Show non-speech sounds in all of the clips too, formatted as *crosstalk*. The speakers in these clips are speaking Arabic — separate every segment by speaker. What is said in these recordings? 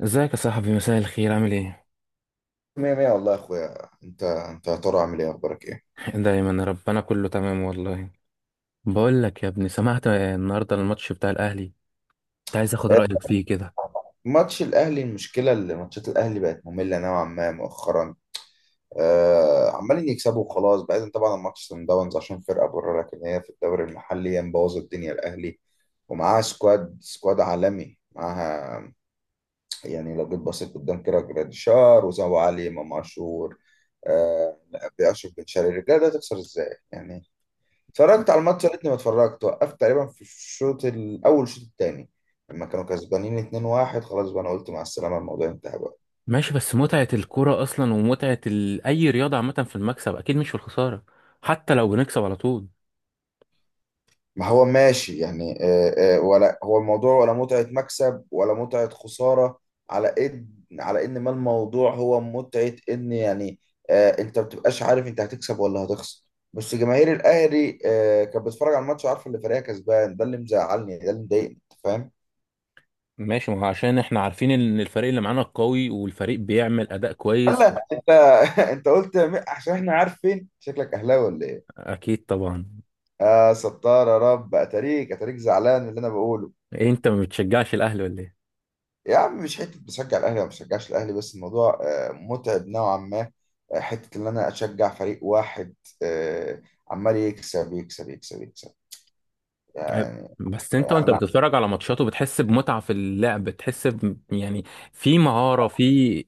Speaker 1: ازيك يا صاحبي، مساء الخير، عامل ايه؟
Speaker 2: مية مية والله يا اخويا، انت يا ترى عامل ايه؟ اخبارك ايه؟
Speaker 1: دايما ربنا كله تمام والله. بقول لك يا ابني، سمعت النهارده الماتش بتاع الاهلي، كنت عايز اخد
Speaker 2: آه،
Speaker 1: رايك فيه كده.
Speaker 2: ماتش الاهلي، المشكله اللي ماتشات الاهلي بقت ممله نوعا ما مؤخرا. عمالين يكسبوا وخلاص، بعيدا طبعا عن ماتش سان داونز عشان فرقه بره، لكن هي في الدوري المحلي هي مبوظه الدنيا الاهلي، ومعاها سكواد عالمي معاها. يعني لو جيت بصيت قدام كده جراديشار، وزو، علي، امام عاشور، آه، باشرف بن شرقي، الرجاله ده تخسر ازاي يعني؟ اتفرجت على الماتش، يا ريتني ما اتفرجت، وقفت تقريبا في الشوط الاول الشوط الثاني لما كانوا كسبانين 2-1، خلاص بقى انا قلت مع السلامه، الموضوع انتهى بقى.
Speaker 1: ماشي، بس متعه الكوره اصلا، ومتعه اي رياضه عامه في المكسب، اكيد مش في الخساره، حتى لو بنكسب على طول.
Speaker 2: ما هو ماشي يعني، ولا هو الموضوع ولا متعه مكسب ولا متعه خساره. على ان على ان ما الموضوع هو متعه ان يعني انت ما بتبقاش عارف انت هتكسب ولا هتخسر. بس جماهير الاهلي كانت بتتفرج على الماتش وعارفه ان فريقها كسبان، ده اللي مزعلني، ده اللي مضايقني، أنت فاهم.
Speaker 1: ماشي، ما هو عشان احنا عارفين ان الفريق اللي معانا قوي، والفريق بيعمل اداء كويس.
Speaker 2: هلا انت *laughs* انت قلت عشان احنا عارفين، شكلك اهلاوي ولا ايه؟
Speaker 1: اكيد طبعا.
Speaker 2: اه ستار يا رب، اتاريك زعلان من اللي انا بقوله.
Speaker 1: إيه، انت ما بتشجعش الاهلي ولا ايه؟
Speaker 2: يا عم مش حته بشجع الاهلي وما بشجعش الاهلي، بس الموضوع متعب نوعا ما. حته ان انا اشجع فريق واحد آه، عمال يكسب يكسب يكسب يكسب يعني.
Speaker 1: بس انت وانت
Speaker 2: انا،
Speaker 1: بتتفرج على ماتشاته بتحس بمتعة في اللعب، بتحس يعني في مهارة، في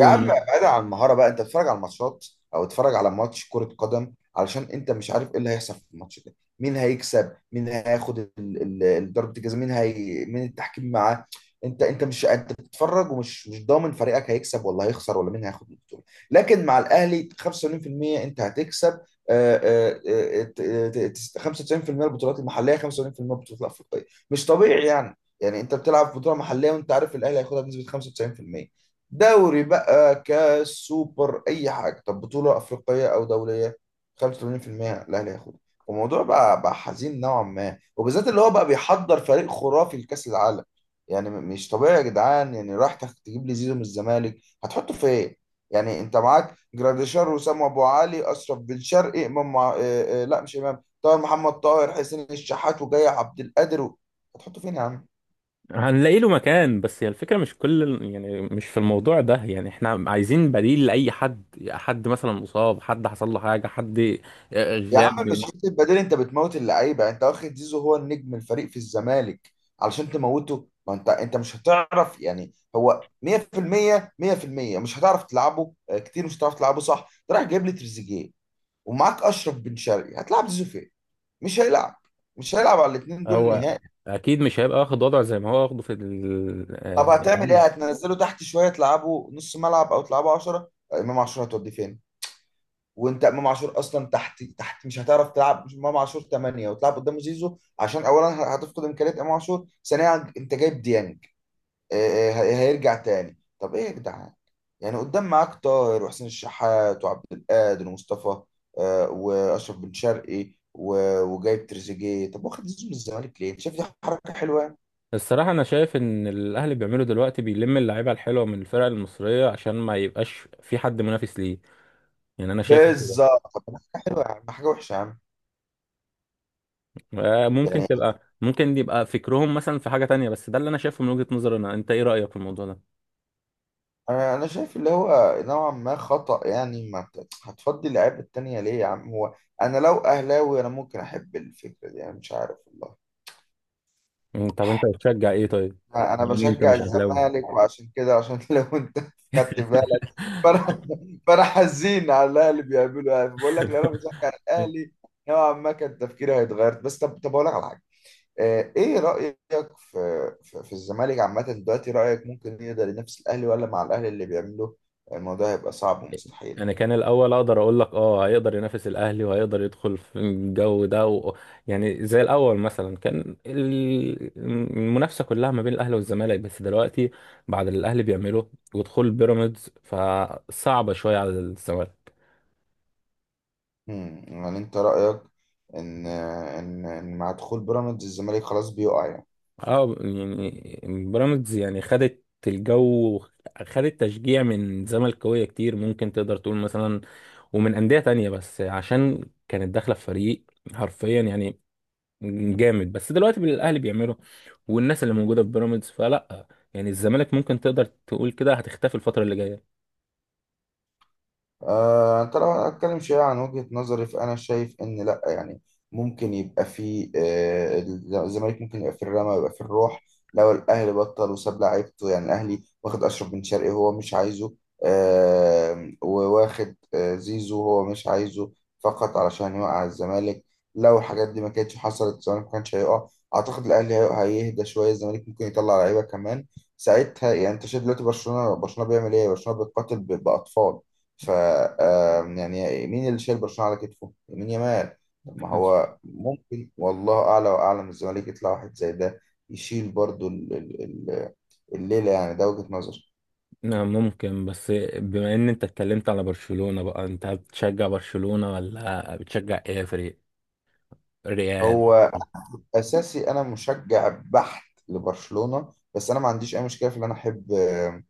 Speaker 2: يا عم بعيد عن المهاره بقى، انت بتتفرج على الماتشات او اتفرج على ماتش كره قدم علشان انت مش عارف ايه اللي هيحصل في الماتش ده، مين هيكسب، مين هياخد ضربه الجزاء، مين التحكيم معاه. انت بتتفرج ومش مش ضامن فريقك هيكسب ولا هيخسر ولا مين هياخد البطوله، لكن مع الاهلي 85% انت هتكسب. آه، آه، 95% البطولات المحليه، 75% البطولات الافريقيه، مش طبيعي يعني. يعني انت بتلعب بطوله محليه وانت عارف الاهلي هياخدها بنسبه 95%. دوري بقى، كاس، سوبر، اي حاجه، طب بطوله افريقيه او دوليه 85% الاهلي هياخدها. الموضوع بقى بقى حزين نوعا ما، وبالذات اللي هو بقى بيحضر فريق خرافي لكاس العالم. يعني مش طبيعي يا جدعان، يعني راح تجيب لي زيزو من الزمالك؟ هتحطه فين؟ يعني انت معاك جراديشار، وسام ابو علي، اشرف بن شرقي، امام مع... آه، آه، لا مش امام، طاهر، محمد طاهر، حسين الشحات، وجاي عبد القادر و... هتحطه فين يا عم؟
Speaker 1: هنلاقي له مكان، بس هي الفكرة مش كل يعني مش في الموضوع ده، يعني احنا عايزين بديل لأي حد، حد مثلا مصاب، حد حصل له حاجة، حد
Speaker 2: يا عم
Speaker 1: غاب.
Speaker 2: مش حته بديل، انت بتموت اللعيبه. انت واخد زيزو هو النجم الفريق في الزمالك علشان تموته، ما انت انت مش هتعرف يعني، هو 100% 100% مش هتعرف تلعبه. كتير مش هتعرف تلعبه صح. انت رايح جايب لي تريزيجيه ومعاك اشرف بن شرقي، هتلعب زيزو فين؟ مش هيلعب. مش هيلعب على الاثنين دول
Speaker 1: هو
Speaker 2: نهائي.
Speaker 1: أكيد مش هيبقى واخد وضع زي ما هو واخده في ال...
Speaker 2: طب
Speaker 1: آه،
Speaker 2: هتعمل ايه؟ هتنزله تحت شويه، تلعبه نص ملعب او تلعبه 10 امام 10؟ هتوديه فين؟ وانت امام عاشور اصلا تحت، تحت مش هتعرف تلعب امام عاشور 8 وتلعب قدام زيزو عشان اولا هتفقد امكانيات امام عاشور، ثانيا انت جايب ديانج هيرجع تاني، طب ايه يا جدعان؟ يعني قدام معاك طاهر وحسين الشحات وعبد القادر ومصطفى واشرف بن شرقي وجايب تريزيجيه، طب واخد زيزو من الزمالك ليه؟ شايف دي حركه حلوه يعني؟
Speaker 1: الصراحة أنا شايف إن الأهلي بيعمله دلوقتي، بيلم اللعيبة الحلوة من الفرق المصرية عشان ما يبقاش في حد منافس ليه. يعني أنا شايف،
Speaker 2: بالظبط. حلوه يا عم، حاجه وحشه يا عم. يعني
Speaker 1: ممكن يبقى فكرهم مثلا في حاجة تانية، بس ده اللي انا شايفه من وجهة نظري انا. انت ايه رأيك في الموضوع ده؟
Speaker 2: انا شايف اللي هو نوعا ما خطأ يعني. ما هتفضي اللعيبه التانية ليه يا عم؟ هو انا لو اهلاوي انا ممكن احب الفكره دي، انا مش عارف والله.
Speaker 1: طب انت بتشجع ايه طيب؟
Speaker 2: انا
Speaker 1: بما ان انت
Speaker 2: بشجع
Speaker 1: مش اهلاوي.
Speaker 2: الزمالك، وعشان كده عشان *laughs* لو انت خدت بالك فانا فانا حزين على الاهلي بيعملوا، يعني بقول لك لو انا
Speaker 1: *laughs*
Speaker 2: بشجع الاهلي نوعا ما كان تفكيري هيتغير. بس طب اقول لك على حاجه ايه رايك في في الزمالك عامه دلوقتي؟ رايك ممكن يقدر ينافس الاهلي، ولا مع الاهلي اللي بيعمله الموضوع هيبقى صعب ومستحيل؟
Speaker 1: انا كان الاول اقدر اقول لك اه هيقدر ينافس الاهلي، وهيقدر يدخل في الجو ده يعني زي الاول مثلا كان المنافسه كلها ما بين الاهلي والزمالك، بس دلوقتي بعد اللي الاهلي بيعمله ودخول بيراميدز فصعبه شويه على الزمالك.
Speaker 2: مم. يعني انت رأيك ان مع دخول بيراميدز الزمالك خلاص بيقع يعني؟
Speaker 1: اه، يعني بيراميدز يعني خدت الجو، خدت تشجيع من زملكاويه كتير ممكن تقدر تقول مثلا، ومن انديه تانية، بس عشان كانت داخله في فريق حرفيا يعني جامد. بس دلوقتي الاهلي بيعمله والناس اللي موجوده في بيراميدز فلا، يعني الزمالك ممكن تقدر تقول كده هتختفي الفتره اللي جايه.
Speaker 2: انت لو هنتكلم شوية عن وجهة نظري، فأنا شايف إن لأ يعني، ممكن يبقى في آه، الزمالك ممكن يبقى في الرمى ويبقى في الروح. لو الأهلي بطل وساب لعيبته، يعني الأهلي واخد أشرف بن شرقي هو مش عايزه وواخد زيزو هو مش عايزه فقط علشان يوقع الزمالك. لو الحاجات دي ما كانتش حصلت الزمالك ما كانش هيقع. أعتقد الأهلي هيهدى شوية، الزمالك ممكن يطلع لعيبة كمان ساعتها. يعني أنت شايف دلوقتي برشلونة؟ برشلونة بيعمل إيه؟ برشلونة بيقاتل بأطفال. ف آم، يعني مين اللي شايل برشلونة على كتفه؟ يمين يمال. طب ما
Speaker 1: حصل.
Speaker 2: هو ممكن والله أعلى وأعلم الزمالك يطلع واحد زي ده يشيل برضو الليلة، يعني ده وجهة نظري.
Speaker 1: نعم، ممكن. بس بما ان انت اتكلمت على برشلونه بقى، انت بتشجع برشلونه ولا بتشجع ايه فريق؟ ريال؟
Speaker 2: هو أساسي أنا مشجع بحت لبرشلونة، بس أنا ما عنديش أي مشكلة في إن أنا أحب آم،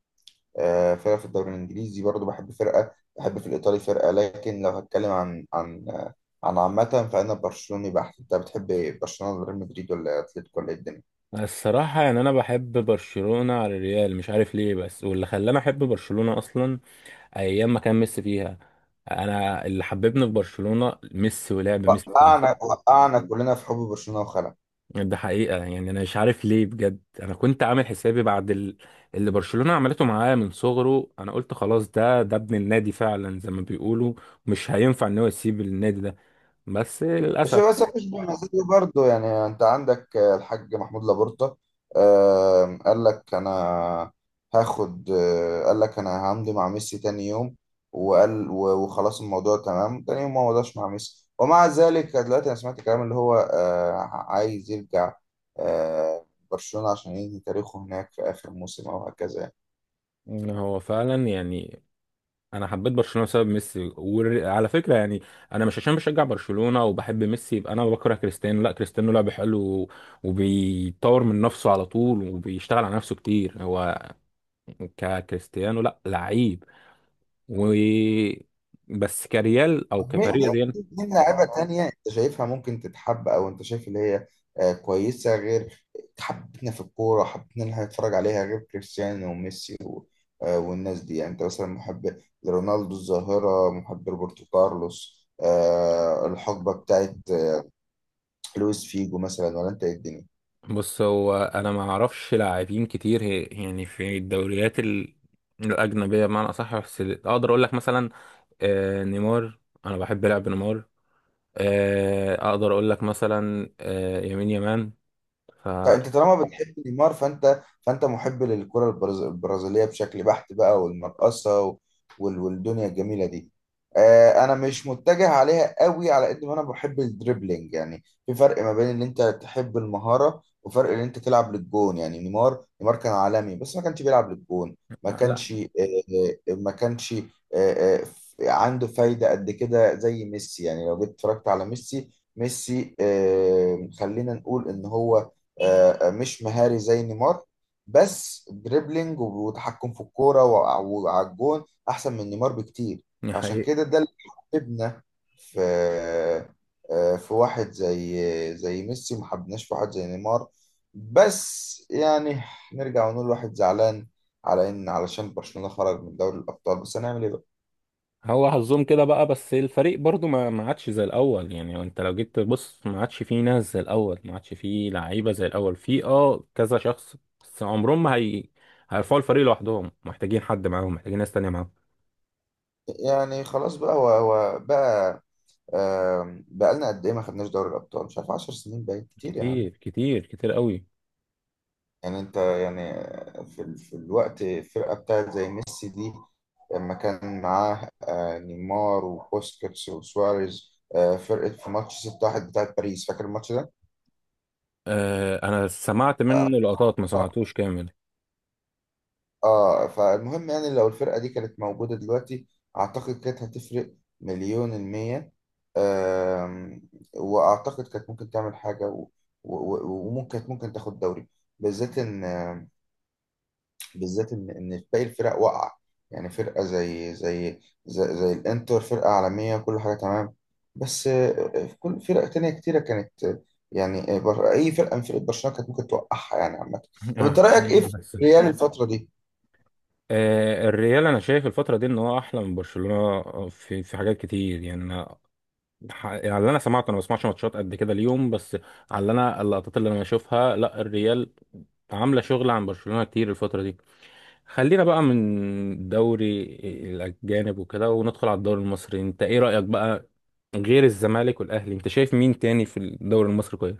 Speaker 2: آه، فرقة في الدوري الإنجليزي برضو، بحب فرقة بحب في الإيطالي فرقة. لكن لو هتكلم عن عامة فأنا برشلوني بحت. أنت بتحب إيه؟ برشلونة، ولا ريال مدريد، ولا أتلتيكو، ولا إيه الدنيا؟
Speaker 1: الصراحة يعني أنا بحب برشلونة على الريال مش عارف ليه، بس واللي خلاني أحب برشلونة أصلا أيام ما كان ميسي فيها. أنا اللي حببني في برشلونة ميسي، ولعب ميسي.
Speaker 2: وقعنا كلنا في حب برشلونة وخلع.
Speaker 1: ده حقيقة، يعني أنا مش عارف ليه بجد. أنا كنت عامل حسابي بعد اللي برشلونة عملته معاه من صغره، أنا قلت خلاص ده ابن النادي فعلا زي ما بيقولوا، مش هينفع إن هو يسيب النادي ده. بس
Speaker 2: مش
Speaker 1: للأسف
Speaker 2: بس مش بمزاجه برضه، يعني انت عندك الحاج محمود لابورتا قال لك انا هاخد آه، قال لك انا همضي مع ميسي تاني يوم، وقال وخلاص الموضوع تمام. تاني يوم ما مضاش مع ميسي، ومع ذلك دلوقتي انا سمعت كلام اللي هو عايز يرجع آه، برشلونة عشان ينهي تاريخه هناك في اخر موسم او هكذا يعني.
Speaker 1: إن هو فعلا يعني. انا حبيت برشلونه بسبب ميسي، وعلى فكره يعني انا مش عشان بشجع برشلونه وبحب ميسي يبقى انا بكره كريستيانو. لا، كريستيانو لعب حلو، وبيطور من نفسه على طول، وبيشتغل على نفسه كتير، هو ككريستيانو لا لعيب. و بس كريال او
Speaker 2: طب مين
Speaker 1: كفريق ريال.
Speaker 2: مين لاعيبة تانية انت شايفها ممكن تتحب، او انت شايف اللي هي كويسة غير حبتنا في الكورة، حبتنا ان احنا نتفرج عليها غير كريستيانو وميسي والناس دي؟ يعني انت مثلا محب لرونالدو الظاهرة، محب روبرتو كارلوس، الحقبة بتاعت لويس فيجو مثلا، ولا انت ايه الدنيا؟
Speaker 1: بص، هو انا ما اعرفش لاعبين كتير، يعني في الدوريات الاجنبيه بمعنى اصح. بس اقدر اقول لك مثلا نيمار، انا بحب لعب نيمار. اقدر اقول لك مثلا يمين يمان. ف
Speaker 2: لا انت طالما بتحب نيمار فانت محب للكرة البرازيلية بشكل بحت بقى، والمرقصة والدنيا الجميلة دي. انا مش متجه عليها قوي على قد ما انا بحب الدريبلينج. يعني في فرق ما بين ان انت تحب المهارة وفرق ان انت تلعب للجون. يعني نيمار كان عالمي بس ما كانش بيلعب للجون. ما
Speaker 1: لا
Speaker 2: كانش آه، ما كانش آه، آه، عنده فايدة قد كده زي ميسي. يعني لو جيت اتفرجت على ميسي خلينا نقول ان هو مش مهاري زي نيمار، بس دريبلينج وتحكم في الكوره وعلى الجون احسن من نيمار بكتير.
Speaker 1: يعني
Speaker 2: فعشان
Speaker 1: حقيقي.
Speaker 2: كده ده اللي حببنا في في واحد زي زي ميسي، ما حبناش في واحد زي نيمار. بس يعني نرجع ونقول واحد زعلان على ان علشان برشلونه خرج من دوري الابطال، بس هنعمل ايه بقى؟
Speaker 1: هو حظهم كده بقى، بس الفريق برضو ما عادش زي الاول. يعني انت لو جيت تبص ما عادش فيه ناس زي الاول، ما عادش فيه لعيبه زي الاول، في كذا شخص بس عمرهم ما هيرفعوا الفريق لوحدهم، محتاجين حد معاهم، محتاجين ناس تانية معاهم.
Speaker 2: يعني خلاص بقى، هو بقى بقالنا قد ايه ما خدناش دوري الابطال؟ مش عارف، 10 سنين بقى كتير يا عم.
Speaker 1: كتير كتير كتير قوي.
Speaker 2: يعني انت يعني في الوقت الفرقه بتاعت زي ميسي دي لما كان معاه نيمار وبوسكيتس وسواريز فرقه، في ماتش 6-1 بتاعت باريس فاكر الماتش ده؟
Speaker 1: انا سمعت منه لقطات ما
Speaker 2: اه
Speaker 1: سمعتوش كامل.
Speaker 2: فالمهم يعني لو الفرقه دي كانت موجوده دلوقتي اعتقد كانت هتفرق مليون المية. آم، واعتقد كانت ممكن تعمل حاجه وممكن كانت ممكن تاخد دوري. بالذات ان بالذات ان باقي الفرق واقعه. يعني فرقه زي, الانتر فرقه عالميه كل حاجه تمام. بس في كل فرق تانية كتيره كانت يعني اي فرقه من فرق برشلونه كانت ممكن توقعها يعني عامه.
Speaker 1: *laughs*
Speaker 2: طب انت
Speaker 1: آه،
Speaker 2: رايك ايه في
Speaker 1: بس
Speaker 2: ريال الفتره دي؟
Speaker 1: الريال انا شايف الفتره دي ان هو احلى من برشلونه. في حاجات كتير يعني انا يعني اللي انا سمعته، انا ما بسمعش ماتشات قد كده اليوم. بس على اللي انا اللقطات اللي انا بشوفها، لا، الريال عامله شغل عن برشلونه كتير الفتره دي. خلينا بقى من دوري الاجانب وكده، وندخل على الدوري المصري. انت ايه رايك بقى غير الزمالك والاهلي؟ انت شايف مين تاني في الدوري المصري كويس؟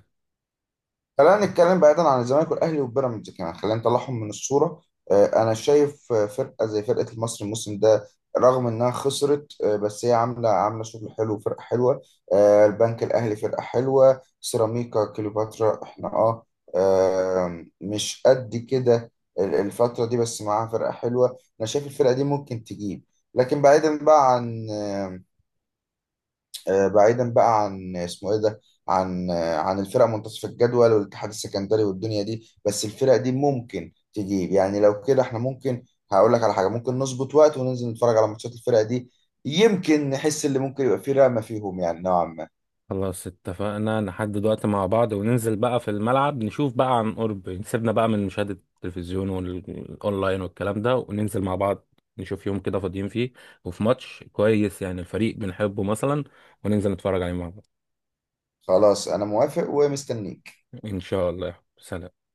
Speaker 2: خلينا نتكلم بعيدا عن الزمالك والاهلي وبيراميدز كمان، خلينا نطلعهم من الصوره. انا شايف فرقه زي فرقه المصري الموسم ده رغم انها خسرت بس هي عامله شغل حلو، فرقه حلوه. البنك الاهلي فرقه حلوه، سيراميكا كليوباترا احنا اه آم، مش قد كده الفتره دي بس معاها فرقه حلوه. انا شايف الفرقه دي ممكن تجيب. لكن بعيدا بقى عن بعيدا بقى عن اسمه ايه ده، عن الفرق منتصف الجدول والاتحاد السكندري والدنيا دي، بس الفرق دي ممكن تجيب. يعني لو كده احنا ممكن هقول لك على حاجه، ممكن نظبط وقت وننزل نتفرج على ماتشات الفرق دي يمكن نحس اللي ممكن يبقى فيه رقمه فيهم يعني نوعا ما.
Speaker 1: خلاص، اتفقنا. نحدد وقت مع بعض وننزل بقى في الملعب نشوف بقى عن قرب، سيبنا بقى من مشاهدة التلفزيون والأونلاين والكلام ده، وننزل مع بعض. نشوف يوم كده فاضيين فيه وفي ماتش كويس، يعني الفريق بنحبه مثلا، وننزل نتفرج عليه مع بعض.
Speaker 2: خلاص انا موافق ومستنيك.
Speaker 1: إن شاء الله. سلام.